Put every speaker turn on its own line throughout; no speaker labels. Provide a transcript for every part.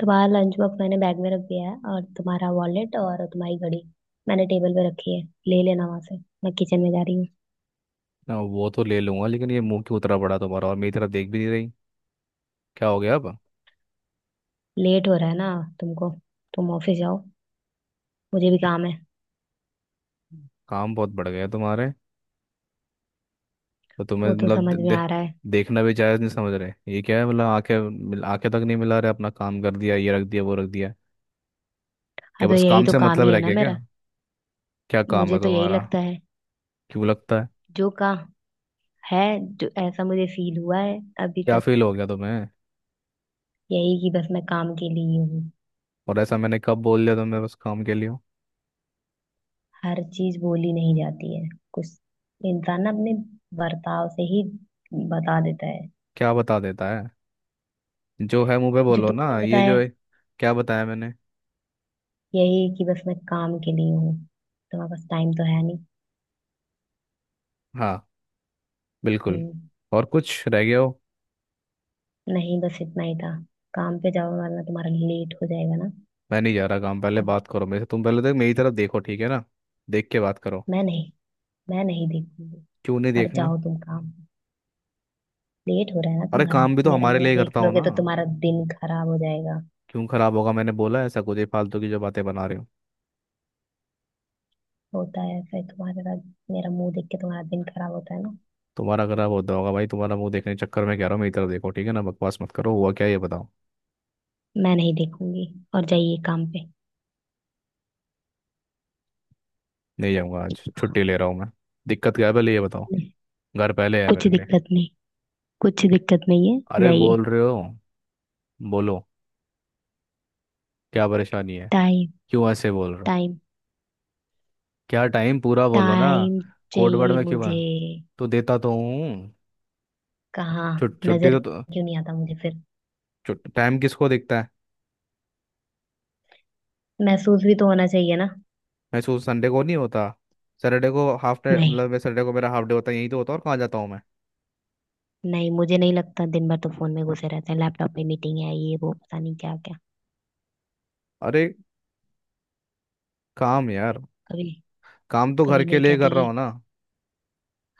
तुम्हारा lunch box मैंने bag में रख दिया है, और तुम्हारा वॉलेट और तुम्हारी घड़ी मैंने टेबल पे रखी है। ले लेना वहां से। मैं किचन में जा रही हूँ।
ना वो तो ले लूंगा लेकिन ये मुंह क्यों उतरा पड़ा तुम्हारा और मेरी तरफ देख भी नहीं रही। क्या हो गया अब।
लेट हो रहा है ना तुमको। तुम ऑफिस जाओ, मुझे भी काम है।
काम बहुत बढ़ गया तुम्हारे तो तुम्हें
वो तो
मतलब दे,
समझ में
दे,
आ रहा है।
देखना भी जायज नहीं समझ रहे ये क्या है मतलब आंखें तक नहीं मिला रहे, अपना काम कर दिया, ये रख दिया वो रख दिया, क्या
हाँ, तो
बस
यही
काम
तो
से
काम
मतलब
ही है
रह
ना
गया क्या?
मेरा।
क्या काम
मुझे
है
तो यही
तुम्हारा?
लगता है।
क्यों लगता है?
जो का है जो ऐसा मुझे फील हुआ है अभी
क्या
तक।
फील हो गया तुम्हें?
यही कि बस मैं काम के लिए ही हूँ।
और ऐसा मैंने कब बोल दिया तुम्हें बस काम के लिए हो?
हर चीज बोली नहीं जाती है। कुछ इंसान ना अपने बर्ताव से ही बता देता है।
क्या बता देता है? जो है मुंह पे
जो
बोलो
तुमने
ना, ये
बताया,
जो है क्या बताया मैंने?
यही कि बस मैं काम के लिए हूँ। तुम्हारे पास टाइम तो है नहीं।
हाँ, बिल्कुल।
हम्म।
और कुछ रह गया हो?
नहीं, बस इतना ही था। काम पे जाओ वरना तुम्हारा लेट हो जाएगा ना।
मैं नहीं जा रहा काम, पहले
ओ।
बात करो मेरे से तुम, पहले तक मेरी तरफ देखो ठीक है ना। देख के बात करो।
मैं नहीं मैं नहीं देखूंगी।
क्यों नहीं
और
देखना?
जाओ तुम काम। लेट हो रहा है ना
अरे
तुम्हारा।
काम भी तो
मेरा
हमारे लिए
मुंह
ही
देख
करता हो
लोगे
ना।
तो तुम्हारा दिन खराब हो जाएगा।
क्यों खराब होगा? मैंने बोला ऐसा कुछ? ये फालतू की जो बातें बना रहे हो।
होता है ऐसा ही तुम्हारा। मेरा मुंह देख के तुम्हारा दिन खराब होता है ना।
तुम्हारा खराब होता होगा भाई, तुम्हारा मुंह देखने के चक्कर में कह रहा हूँ, मेरी तरफ देखो ठीक है ना, बकवास मत करो, हुआ क्या ये बताओ।
मैं नहीं देखूंगी, और जाइए काम पे।
नहीं जाऊंगा, आज छुट्टी ले रहा हूँ मैं। दिक्कत क्या है पहले ये बताओ।
नहीं,
घर पहले है
कुछ
मेरे लिए।
दिक्कत नहीं। कुछ दिक्कत नहीं है,
अरे
जाइए।
बोल रहे हो, बोलो, क्या परेशानी है?
टाइम।
क्यों ऐसे बोल रहे हो?
टाइम।
क्या टाइम? पूरा बोलो ना।
टाइम
कोड वर्ड
चाहिए
में क्यों है?
मुझे।
तो देता तो हूँ।
कहाँ?
छुट्टी
नजर
तो।
क्यों नहीं आता मुझे फिर?
टाइम किसको दिखता है?
महसूस भी तो होना चाहिए ना।
मैं सोच, संडे को नहीं होता, सैटरडे को हाफ डे,
नहीं,
मतलब मैं सैटरडे को, मेरा हाफ डे होता है, यही तो होता है और कहाँ जाता हूँ मैं।
नहीं, मुझे नहीं लगता। दिन भर तो फोन में घुसे रहते हैं, लैपटॉप पे मीटिंग है, ये वो, पता नहीं क्या क्या।
अरे काम यार,
कभी
काम तो घर
कभी
के
नहीं
लिए
कहते
कर रहा
कि।
हूँ ना।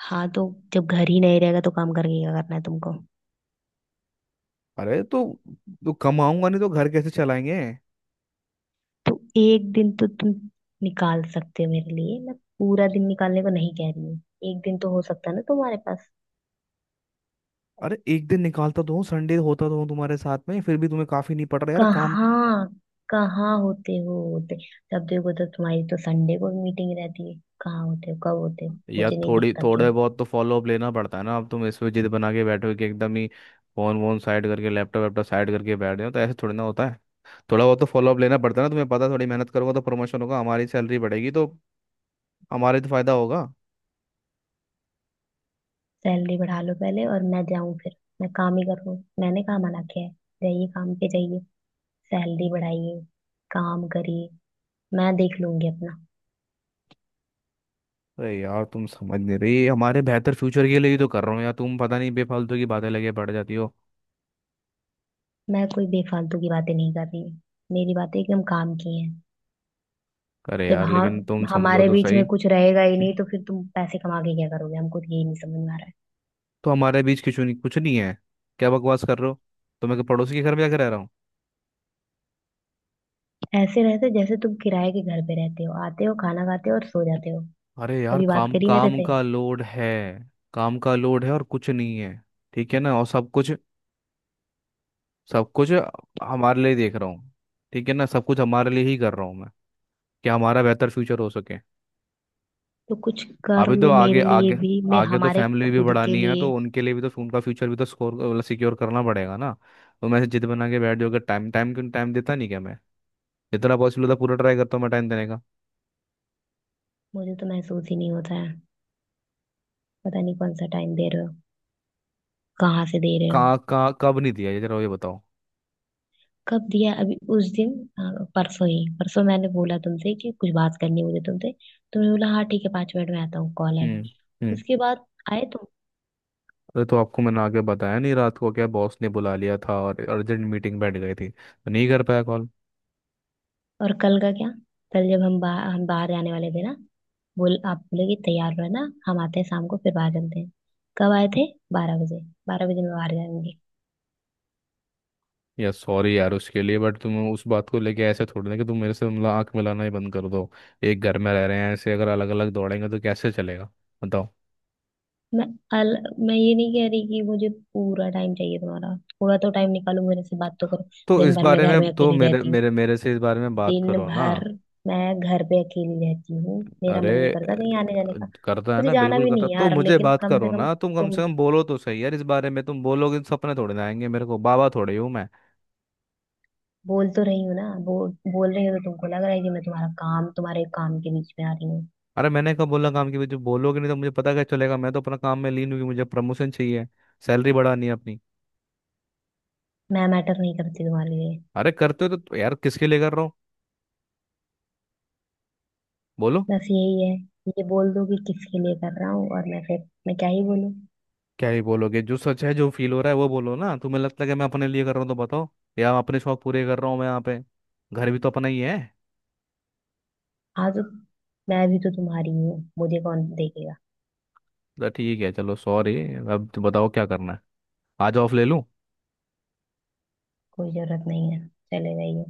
हाँ, तो जब घर ही नहीं रहेगा तो काम करके क्या करना है तुमको।
अरे तो कमाऊंगा नहीं तो घर कैसे चलाएंगे।
तो एक दिन तो तुम निकाल सकते हो मेरे लिए। मैं पूरा दिन निकालने को नहीं कह रही हूँ। एक दिन तो हो सकता है ना तुम्हारे पास।
अरे एक दिन निकालता तो हूँ, संडे होता तो हूँ तुम्हारे साथ में, फिर भी तुम्हें काफी नहीं पड़ रहा यार काम।
कहाँ कहाँ होते हो होते तब देखो तो। तुम्हारी तो संडे को मीटिंग रहती है। कहाँ होते हो, कब होते हो,
यार
मुझे नहीं
थोड़ी,
दिखता क्यों।
थोड़े बहुत तो फॉलोअप लेना पड़ता है ना, अब तुम इस पे जिद बना के बैठे हो कि एकदम ही फोन वोन साइड करके लैपटॉप वैपटॉप साइड करके बैठ गए हो, तो ऐसे थोड़ी ना होता है। थोड़ा बहुत तो फॉलोअप लेना पड़ता है ना, तुम्हें पता है, थोड़ी मेहनत करूंगा तो प्रमोशन होगा, हमारी सैलरी बढ़ेगी, तो हमारे तो फायदा होगा।
सैलरी बढ़ा लो पहले और मैं जाऊं फिर। मैं काम ही करूँ, मैंने कहाँ मना किया है। जाइए काम पे जाइए। सैलरी बढ़ाइए। काम करिए। मैं देख लूंगी अपना।
अरे यार तुम समझ नहीं रही, ये हमारे बेहतर फ्यूचर के लिए ही तो कर रहा हूँ यार, तुम पता नहीं बेफालतू की बातें लगे पड़ जाती हो।
मैं कोई बेफालतू की बातें नहीं कर रही हूँ। मेरी बातें एकदम काम की हैं।
अरे
जब
यार
हाँ।
लेकिन तुम समझो
हमारे
तो
बीच
सही।
में कुछ रहेगा ही नहीं तो फिर तुम पैसे कमा के क्या करोगे, हमको तो यही नहीं समझ में आ रहा है।
तो हमारे बीच कुछ नहीं, कुछ नहीं है? क्या बकवास कर रहे हो? तो मैं क्या पड़ोसी के घर में जाकर रह रहा हूँ?
ऐसे रहते जैसे तुम किराए के घर पे रहते हो। आते हो, खाना खाते हो और सो जाते हो।
अरे यार
कभी बात
काम,
करी मेरे
काम
से?
का लोड है, काम का लोड है और कुछ नहीं है, ठीक है ना, और सब कुछ, सब कुछ हमारे लिए देख रहा हूँ, ठीक है ना, सब कुछ हमारे लिए ही कर रहा हूँ मैं, कि हमारा बेहतर फ्यूचर हो सके।
तो कुछ कर
अभी तो
लो
आगे,
मेरे लिए
आगे
भी। मैं
आगे तो
हमारे
फैमिली भी
खुद के
बढ़ानी है, तो
लिए।
उनके लिए भी, तो उनका फ्यूचर भी तो स्कोर मतलब सिक्योर करना पड़ेगा ना। तो मैं ऐसे जिद बना के बैठ जाऊंगा, टाइम टाइम क्यों, टाइम देता नहीं क्या मैं? जितना पॉसिबल होता है पूरा ट्राई करता हूँ मैं टाइम देने का।
मुझे तो महसूस ही नहीं होता है। पता नहीं कौन सा टाइम दे रहे हो, कहाँ से दे रहे हो।
कहाँ कहाँ कब नहीं दिया ये जरा ये बताओ।
कब दिया? अभी उस दिन। हाँ, परसों ही परसों मैंने बोला तुमसे कि कुछ बात करनी है मुझे तुमसे। तुमने बोला हाँ ठीक है, पाँच मिनट में आता हूँ, कॉल है अभी।
हम्म। हम्म।
उसके बाद आए तुम?
अरे तो आपको मैंने आगे बताया नहीं, रात को क्या बॉस ने बुला लिया था और अर्जेंट मीटिंग बैठ गई थी, तो नहीं कर पाया कॉल।
और कल का क्या? कल जब हम बाहर जाने वाले थे ना। बोल, आप बोले कि तैयार रहना, हम आते हैं शाम को, फिर बाहर चलते हैं। कब आए थे? बारह बजे। बारह बजे में बाहर जाएंगे?
यार सॉरी यार उसके लिए, बट तुम उस बात को लेके ऐसे थोड़ी ना कि तुम मेरे से मतलब आंख मिलाना ही बंद कर दो। एक घर में रह रहे हैं, ऐसे अगर अलग अलग दौड़ेंगे तो कैसे चलेगा बताओ।
मैं अल मैं ये नहीं कह रही कि मुझे पूरा टाइम चाहिए तुम्हारा। थोड़ा तो टाइम निकालो, मेरे से बात तो करो।
तो
दिन
इस
भर मैं
बारे
घर में
में तो
अकेली
मेरे
रहती हूँ।
मेरे मेरे से इस बारे में बात
दिन
करो ना।
भर मैं घर पे अकेली रहती हूँ। मेरा मन
अरे
नहीं
अ,
करता कहीं आने जाने का।
करता है
मुझे
ना
जाना
बिल्कुल
भी
करता है।
नहीं
तो
यार,
मुझे
लेकिन
बात
कम से
करो
कम
ना, तुम कम
तुम।
से कम बोलो तो सही यार इस बारे में, तुम बोलोगे तो, सपने थोड़े ना आएंगे मेरे को, बाबा थोड़े ही हूँ मैं।
बोल तो रही हो ना, बोल बोल रही हो तो तुमको लग रहा है कि मैं तुम्हारा काम तुम्हारे काम के बीच में आ रही हूँ।
अरे मैंने कब बोला काम के बीच में, बोलोगे नहीं तो मुझे पता क्या चलेगा, मैं तो अपना काम में लीन हूँ कि मुझे प्रमोशन चाहिए, सैलरी बढ़ानी है अपनी।
मैं मैटर नहीं करती तुम्हारे लिए।
अरे करते हो तो यार किसके लिए कर रहा हूँ बोलो।
बस यही है। ये बोल दो कि किसके लिए कर रहा हूँ, और मैं क्या ही बोलूँ।
क्या ही बोलोगे, जो सच है जो फील हो रहा है वो बोलो ना, तुम्हें लगता है कि मैं अपने लिए कर रहा हूँ तो बताओ, या अपने शौक पूरे कर रहा हूँ मैं यहाँ पे? घर भी तो अपना ही है।
हाँ, तो मैं भी तो तुम्हारी ही हूँ, मुझे कौन देखेगा।
तो ठीक है चलो सॉरी, अब तो बताओ क्या करना है, आज ऑफ ले लूँ?
कोई जरूरत नहीं है, चले जाइए।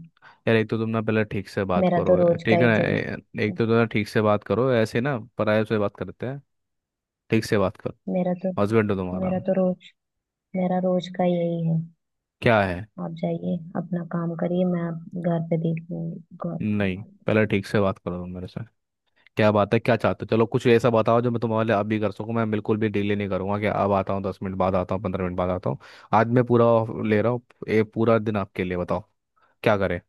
यार एक तो तुम ना पहले ठीक से बात
मेरा तो
करो,
रोज का
ठीक है
ही
ना।
चल
एक तो तुम ना ठीक से बात करो, ऐसे ना पराये से बात करते हैं, ठीक से बात करो,
मेरा तो
हस्बैंड हो तुम्हारा।
मेरा तो रोज मेरा रोज का यही है।
क्या है?
आप जाइए अपना काम करिए। मैं घर पे देख लूंगी, गौर
नहीं
संभाल
पहले
लूंगी।
ठीक से बात करो तुम मेरे से, क्या बात है क्या चाहते हो, चलो कुछ ऐसा बताओ जो मैं तुम्हारे लिए अब भी कर सकूं, मैं बिल्कुल भी डिले नहीं करूंगा कि अब आता हूँ, 10 मिनट बाद आता हूँ, 15 मिनट बाद आता हूँ। आज मैं पूरा off ले रहा हूँ, ये पूरा दिन आपके लिए, बताओ क्या करें।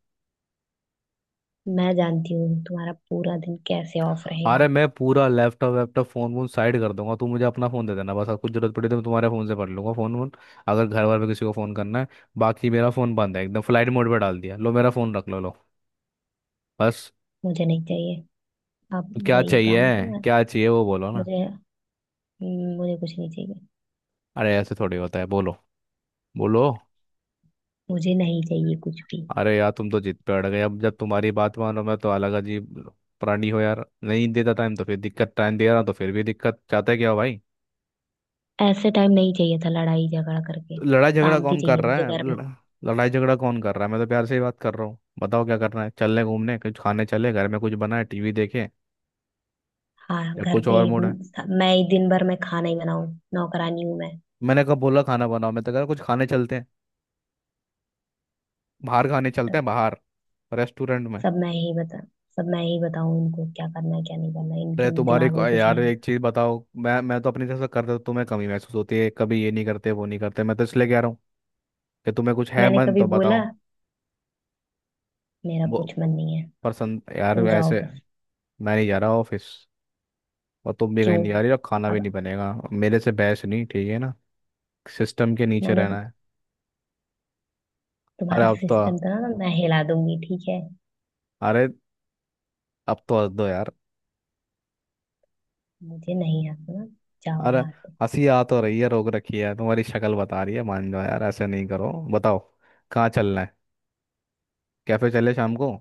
मैं जानती हूँ तुम्हारा पूरा दिन कैसे ऑफ
अरे
रहेगा।
मैं पूरा लैपटॉप वैपटॉप फोन वोन साइड कर दूंगा, तू मुझे अपना फोन दे देना बस, अब कुछ जरूरत पड़ी तो मैं तुम्हारे फोन से पढ़ लूंगा फोन वोन, अगर घर वाले में किसी को फोन करना है, बाकी मेरा फोन बंद है एकदम, फ्लाइट मोड पे डाल दिया, लो मेरा फोन रख लो, लो बस।
मुझे नहीं चाहिए। आप
क्या
जाइए
चाहिए?
काम पे।
क्या चाहिए वो बोलो ना।
मुझे मुझे कुछ नहीं चाहिए।
अरे ऐसे थोड़ी होता है, बोलो, बोलो।
मुझे नहीं चाहिए कुछ भी।
अरे यार तुम तो जिद पे अड़ गए, अब जब तुम्हारी बात मानो मैं तो अलग, अजीब प्राणी हो यार, नहीं देता टाइम तो फिर दिक्कत, टाइम दे रहा हूं तो फिर भी दिक्कत, चाहते क्या हो भाई।
ऐसे टाइम नहीं चाहिए था, लड़ाई झगड़ा करके।
तो लड़ाई झगड़ा
शांति
कौन कर
चाहिए मुझे
रहा है?
घर में।
लड़ाई झगड़ा कौन कर रहा है, मैं तो प्यार से ही बात कर रहा हूँ, बताओ क्या करना है, चलने घूमने, कुछ खाने चले, घर में कुछ बना है टीवी देखे,
हाँ,
या
घर
कुछ
पे।
और मूड है?
मैं ही दिन भर में खाना ही बनाऊं? नौकरानी हूं मैं।
मैंने कब बोला खाना बनाओ, मैं तो कह रहा कुछ खाने चलते हैं, बाहर खाने चलते
मतलब
हैं बाहर, रेस्टोरेंट में।
सब मैं ही बता सब मैं ही बताऊं इनको, क्या करना है क्या नहीं करना है, इनके दिमाग में कुछ
यार
नहीं
एक
आता।
चीज बताओ, मैं तो अपनी तरफ से करता हूँ, तुम्हें कमी महसूस होती है कभी, ये नहीं करते वो नहीं करते, मैं तो इसलिए कह रहा हूँ कि तुम्हें कुछ है
मैंने
मन
कभी
तो बताओ।
बोला? मेरा
वो
कुछ मन नहीं है।
पसंद यार
तुम जाओ
ऐसे।
बस।
मैं नहीं जा रहा ऑफिस और तुम भी
क्यों?
कहीं नहीं जा रही और खाना भी
अब
नहीं बनेगा, मेरे से बहस नहीं, ठीक है ना, सिस्टम के नीचे
मैंने
रहना है। अरे
तुम्हारा
अब तो,
सिस्टम था ना, मैं हिला दूंगी, ठीक है।
अरे अब तो हंस दो यार।
मुझे नहीं आता ना। जाओ
अरे
यहाँ से।
हंसी आ तो रही है, रोक रखी है, तुम्हारी शक्ल बता रही है, मान जाओ यार ऐसे नहीं करो, बताओ कहाँ चलना है, कैफे चले शाम को,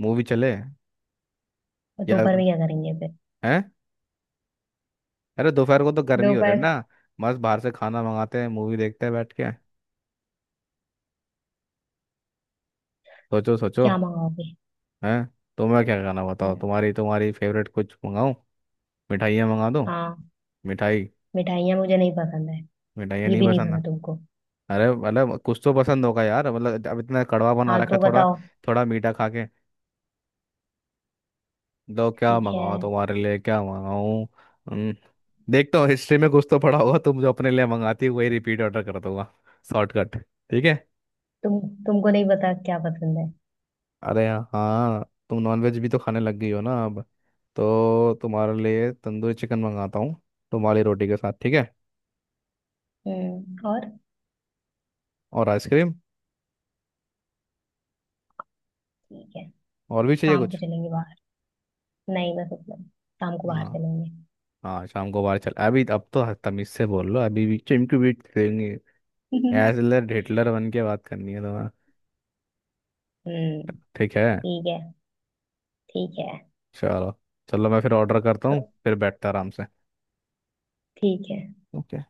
मूवी चले,
और
या,
दोपहर में क्या करेंगे फिर?
हैं? अरे दोपहर को तो गर्मी हो रही है
दोपहर।
ना, मस्त बाहर से खाना मंगाते हैं, मूवी देखते हैं बैठ के, सोचो सोचो।
क्या मंगाओगे?
हैं? तुम्हें क्या खाना बताओ,
हम्म।
तुम्हारी तुम्हारी फेवरेट कुछ मंगाऊं, मिठाइयाँ मंगा दूं,
हाँ।
मिठाई?
मिठाइयाँ मुझे नहीं पसंद है।
मिठाइयाँ
ये
नहीं
भी नहीं
पसंद
पता
है?
तुमको।
अरे मतलब कुछ तो पसंद होगा यार, मतलब अब इतना कड़वा बना
हाँ,
रखा
तो
है, थोड़ा,
बताओ।
थोड़ा मीठा खा के। तो क्या
ठीक है।
मंगाऊं तुम्हारे लिए, क्या मंगाऊं? हम्म, देखता हूँ हिस्ट्री में कुछ तो पड़ा होगा, तुम जो अपने लिए मंगाती है वही रिपीट ऑर्डर कर दूंगा, शॉर्टकट, ठीक है।
तुम तुमको नहीं पता क्या पसंद है?
अरे हाँ, तुम नॉनवेज भी तो खाने लग गई हो ना अब, तो तुम्हारे लिए तंदूरी चिकन मंगाता हूँ, तुम्हारी रोटी के साथ, ठीक है,
हम्म, और?
और आइसक्रीम,
ठीक है,
और भी चाहिए
शाम को
कुछ?
चलेंगे बाहर। नहीं बस उतना ही, शाम को बाहर
हाँ,
चलेंगे।
हाँ शाम को बाहर चल, अभी अब तो तमीज से बोल लो, अभी भी चिमकी बीट देंगे, एजलर हिटलर बन के बात करनी है तुम्हें?
हम्म।
ठीक है।
ठीक है। ठीक है।
चलो, चलो मैं फिर ऑर्डर करता हूँ, फिर बैठता आराम से।
ठीक है।
ओके।